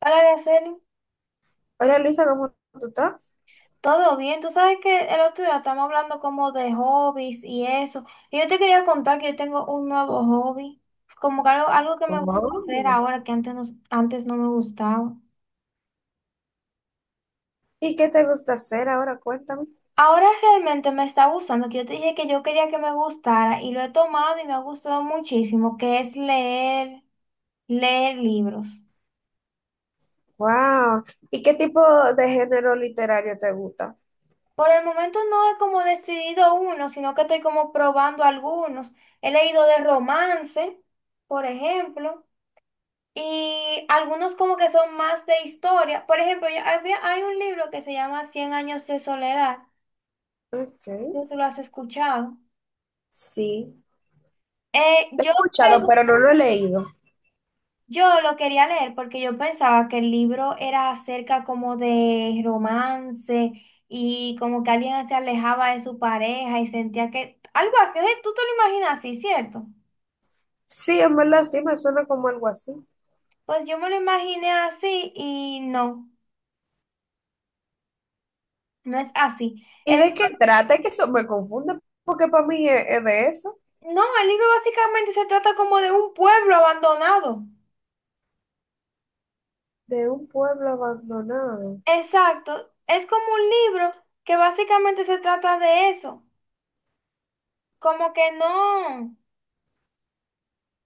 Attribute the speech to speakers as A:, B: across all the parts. A: Hola, Araceli.
B: Hola Luisa, ¿cómo tú estás?
A: Todo bien. Tú sabes que el otro día estamos hablando como de hobbies y eso. Y yo te quería contar que yo tengo un nuevo hobby. Es como que algo que me
B: ¿Cómo?
A: gusta hacer ahora que antes no me gustaba.
B: ¿Y qué te gusta hacer ahora? Cuéntame.
A: Ahora realmente me está gustando, que yo te dije que yo quería que me gustara y lo he tomado y me ha gustado muchísimo, que es leer, leer libros.
B: Wow. ¿Y qué tipo de género literario te gusta?
A: Por el momento no he como decidido uno, sino que estoy como probando algunos. He leído de romance, por ejemplo. Y algunos como que son más de historia. Por ejemplo, hay un libro que se llama Cien años de soledad.
B: Ok.
A: Tú sé si lo has escuchado.
B: Sí.
A: Eh,
B: Lo he
A: yo,
B: escuchado,
A: cre-
B: pero no lo he leído.
A: yo lo quería leer porque yo pensaba que el libro era acerca como de romance y como que alguien se alejaba de su pareja y sentía que algo así. ¿Eh? Tú te lo imaginas así, ¿cierto?
B: Sí, en verdad sí, me suena como algo así.
A: Pues yo me lo imaginé así y no, no es así.
B: ¿Y de qué trata? Es que eso me confunde, porque para mí es de eso,
A: No, el libro básicamente se trata como de un pueblo abandonado.
B: de un pueblo abandonado.
A: Exacto. Es como un libro que básicamente se trata de eso. Como que no,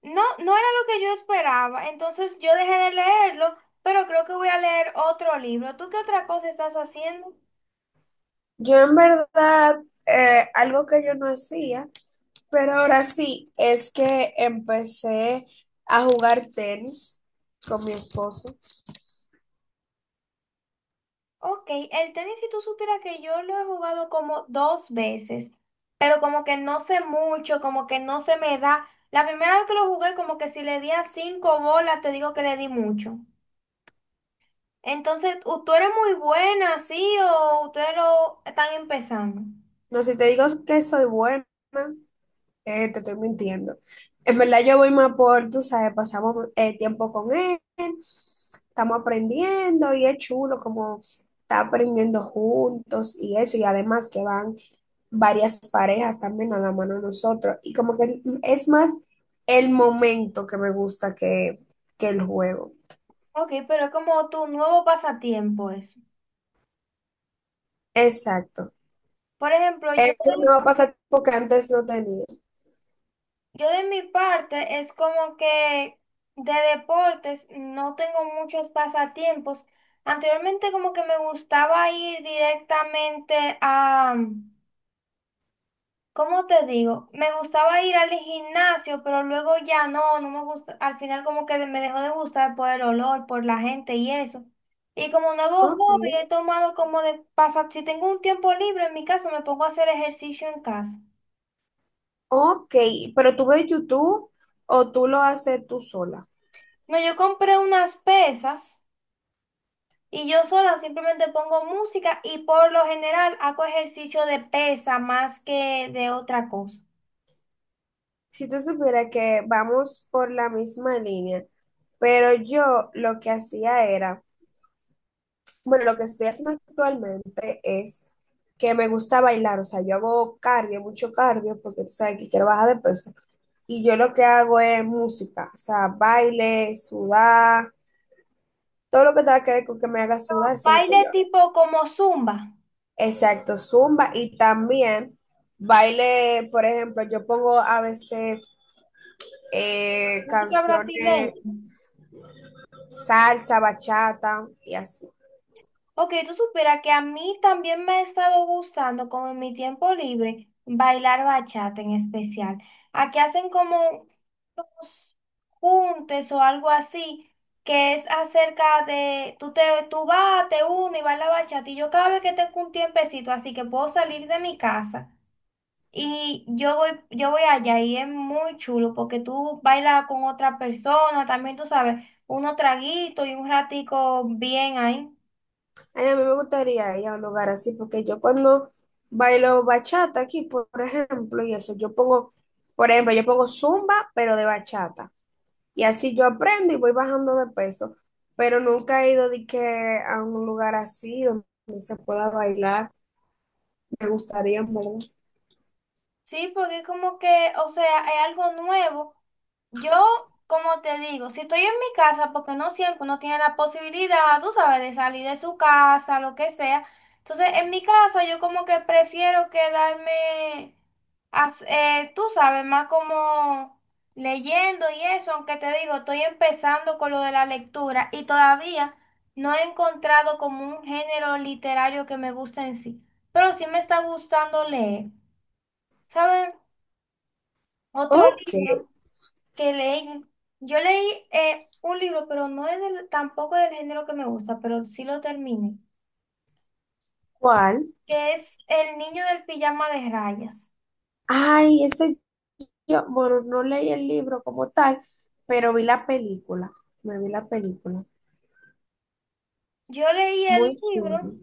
A: no, no era lo que yo esperaba. Entonces yo dejé de leerlo, pero creo que voy a leer otro libro. ¿Tú qué otra cosa estás haciendo?
B: Yo en verdad, algo que yo no hacía, pero ahora sí, es que empecé a jugar tenis con mi esposo.
A: Ok, el tenis, si tú supieras que yo lo he jugado como dos veces, pero como que no sé mucho, como que no se me da. La primera vez que lo jugué, como que si le di a cinco bolas, te digo que le di mucho. Entonces, ¿tú eres muy buena, sí, o ustedes lo están empezando?
B: No, si te digo que soy buena, te estoy mintiendo. En verdad yo voy más por, tú sabes, pasamos tiempo con él, estamos aprendiendo y es chulo como está aprendiendo juntos y eso, y además que van varias parejas también a la mano de nosotros, y como que es más el momento que me gusta que el juego.
A: Ok, pero es como tu nuevo pasatiempo eso.
B: Exacto.
A: Por ejemplo, yo
B: Es un
A: de,
B: nuevo pasatiempo que antes no tenía.
A: yo de mi parte es como que de deportes no tengo muchos pasatiempos. Anteriormente como que me gustaba ir directamente a, ¿cómo te digo? Me gustaba ir al gimnasio, pero luego ya no, no me gusta. Al final como que me dejó de gustar por el olor, por la gente y eso. Y como nuevo hobby
B: Ok.
A: he tomado como de pasar, si tengo un tiempo libre en mi casa, me pongo a hacer ejercicio en casa.
B: Ok, pero tú ves YouTube o tú lo haces tú sola.
A: No, yo compré unas pesas y yo sola simplemente pongo música y por lo general hago ejercicio de pesa más que de otra cosa.
B: Si tú supieras que vamos por la misma línea, pero yo lo que hacía era, bueno, lo que estoy haciendo actualmente es que me gusta bailar, o sea, yo hago cardio, mucho cardio, porque tú sabes que quiero bajar de peso, y yo lo que hago es música, o sea, baile, sudar, todo lo que tenga que ver con que me haga sudar, eso es lo
A: Baile
B: que yo hago.
A: tipo como zumba,
B: Exacto, zumba y también baile, por ejemplo, yo pongo a veces
A: música brasileña.
B: canciones salsa, bachata y así.
A: Ok, tú supieras que a mí también me ha estado gustando, como en mi tiempo libre, bailar bachata en especial. Aquí hacen como unos juntes o algo así, que es acerca de, tú, te, tú vas, te unes y bailas bachata. Y yo cada vez que tengo un tiempecito, así que puedo salir de mi casa y yo voy allá y es muy chulo porque tú bailas con otra persona, también tú sabes, unos traguitos y un ratico bien ahí.
B: Ay, a mí me gustaría ir a un lugar así porque yo cuando bailo bachata aquí, por ejemplo, y eso, yo pongo, por ejemplo, yo pongo zumba, pero de bachata. Y así yo aprendo y voy bajando de peso, pero nunca he ido de que a un lugar así donde se pueda bailar. Me gustaría, ¿en verdad?
A: Sí, porque es como que, o sea, es algo nuevo. Yo, como te digo, si estoy en mi casa, porque no siempre uno tiene la posibilidad, tú sabes, de salir de su casa, lo que sea. Entonces, en mi casa yo como que prefiero quedarme, tú sabes, más como leyendo y eso, aunque te digo, estoy empezando con lo de la lectura y todavía no he encontrado como un género literario que me guste en sí, pero sí me está gustando leer, ¿sabes? Otro
B: Ok,
A: libro que leí, yo leí un libro, pero no es tampoco del género que me gusta, pero sí lo terminé,
B: ¿cuál?
A: que es El niño del pijama de rayas.
B: Ay, ese yo, bueno, no leí el libro como tal, pero vi la película. Me vi la película.
A: Yo leí el
B: Muy chulo.
A: libro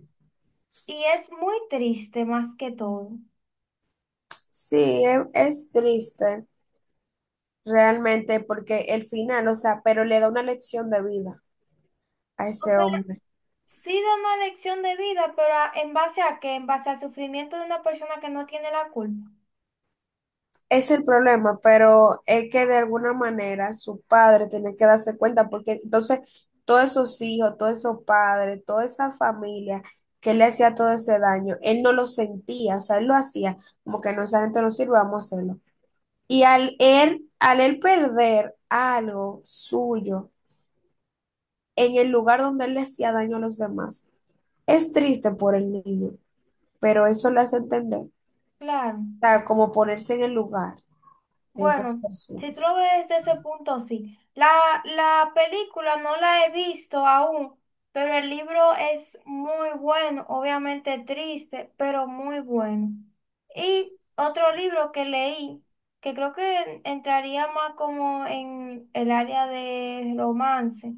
A: y es muy triste más que todo.
B: Sí, es triste realmente porque el final, o sea, pero le da una lección de vida a
A: O
B: ese
A: sea,
B: hombre.
A: sí da una lección de vida, pero ¿en base a qué? En base al sufrimiento de una persona que no tiene la culpa.
B: Es el problema, pero es que de alguna manera su padre tiene que darse cuenta, porque entonces todos esos hijos, todos esos padres, toda esa familia que le hacía todo ese daño, él no lo sentía, o sea, él lo hacía como que no, esa gente no sirve, vamos a hacerlo. Y al él perder algo suyo en el lugar donde él le hacía daño a los demás, es triste por el niño, pero eso le hace entender, o
A: Claro.
B: sea, como ponerse en el lugar de esas
A: Bueno, si tú lo
B: personas.
A: ves desde ese punto, sí. La película no la he visto aún, pero el libro es muy bueno, obviamente triste, pero muy bueno. Y otro libro que leí, que creo que entraría más como en el área de romance,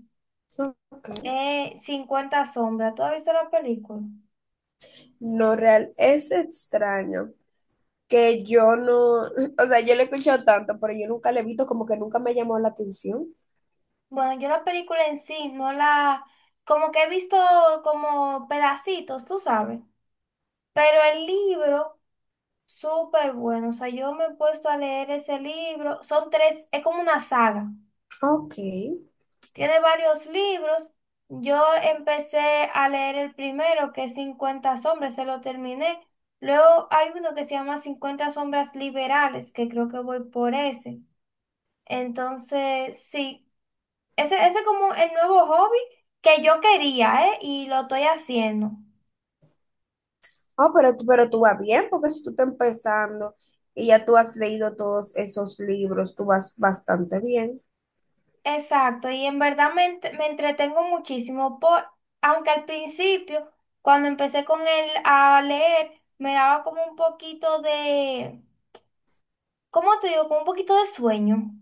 B: Ok.
A: es 50 sombras. ¿Tú has visto la película?
B: No real, es extraño que yo no, o sea, yo le he escuchado tanto, pero yo nunca le he visto, como que nunca me llamó la atención.
A: Bueno, yo la película en sí no la, como que he visto como pedacitos, tú sabes. Pero el libro, súper bueno. O sea, yo me he puesto a leer ese libro. Son tres, es como una saga.
B: Ok.
A: Tiene varios libros. Yo empecé a leer el primero, que es 50 sombras, se lo terminé. Luego hay uno que se llama cincuenta sombras liberales, que creo que voy por ese. Entonces, sí, ese es como el nuevo hobby que yo quería, ¿eh? Y lo estoy haciendo.
B: Oh, pero, pero tú vas bien, porque si tú estás empezando y ya tú has leído todos esos libros, tú vas bastante bien.
A: Exacto, y en verdad me entretengo muchísimo por, aunque al principio, cuando empecé con él a leer, me daba como un poquito de, ¿cómo te digo? Como un poquito de sueño.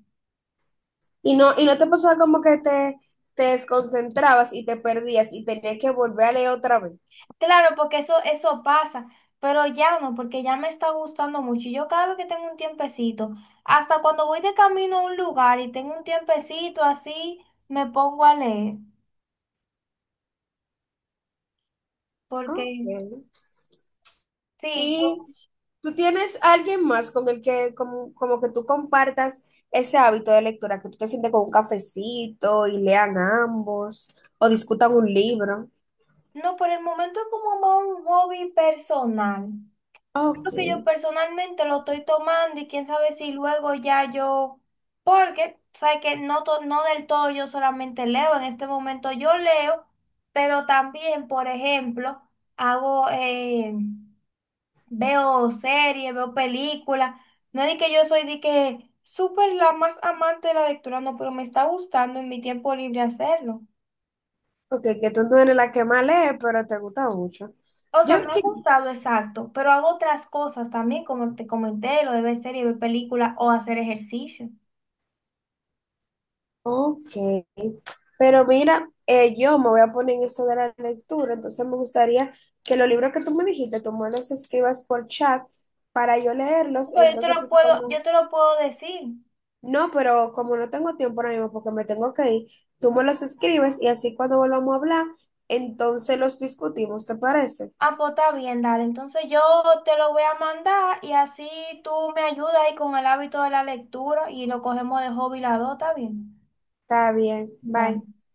B: Y no te pasaba como que te desconcentrabas y te perdías y tenías que volver a leer otra vez.
A: Claro, porque eso pasa, pero ya no, porque ya me está gustando mucho. Y yo cada vez que tengo un tiempecito, hasta cuando voy de camino a un lugar y tengo un tiempecito así, me pongo a leer. Porque,
B: Ok.
A: sí,
B: Y ¿tú tienes alguien más con el que como, como que tú compartas ese hábito de lectura, que tú te sientes con un cafecito y lean ambos o discutan un libro?
A: no, por el momento es como más un hobby personal.
B: Ok,
A: Lo que yo personalmente lo estoy tomando y quién sabe si luego ya yo, porque, sabes que no, no del todo yo solamente leo, en este momento yo leo, pero también, por ejemplo, hago, veo series, veo películas, no es de que yo soy de que súper la más amante de la lectura, no, pero me está gustando en mi tiempo libre hacerlo.
B: ok, que tú no eres la que más lee, pero te gusta mucho.
A: O sea, me
B: Yo,
A: ha
B: que-
A: gustado, exacto, pero hago otras cosas también, como te comenté, lo de ver series, ver películas o hacer ejercicio.
B: ok, pero mira, yo me voy a poner en eso de la lectura, entonces me gustaría que los libros que tú me dijiste, tú me los escribas por chat para yo leerlos,
A: Pero yo te
B: entonces
A: lo
B: pues,
A: puedo, yo
B: cuando...
A: te lo puedo decir.
B: No, pero como no tengo tiempo ahora mismo porque me tengo que ir, tú me los escribes y así cuando volvamos a hablar, entonces los discutimos, ¿te parece?
A: Ah, pues está bien, dale. Entonces yo te lo voy a mandar y así tú me ayudas ahí con el hábito de la lectura y lo cogemos de hobby la dos, está bien.
B: Está bien,
A: Vale.
B: bye.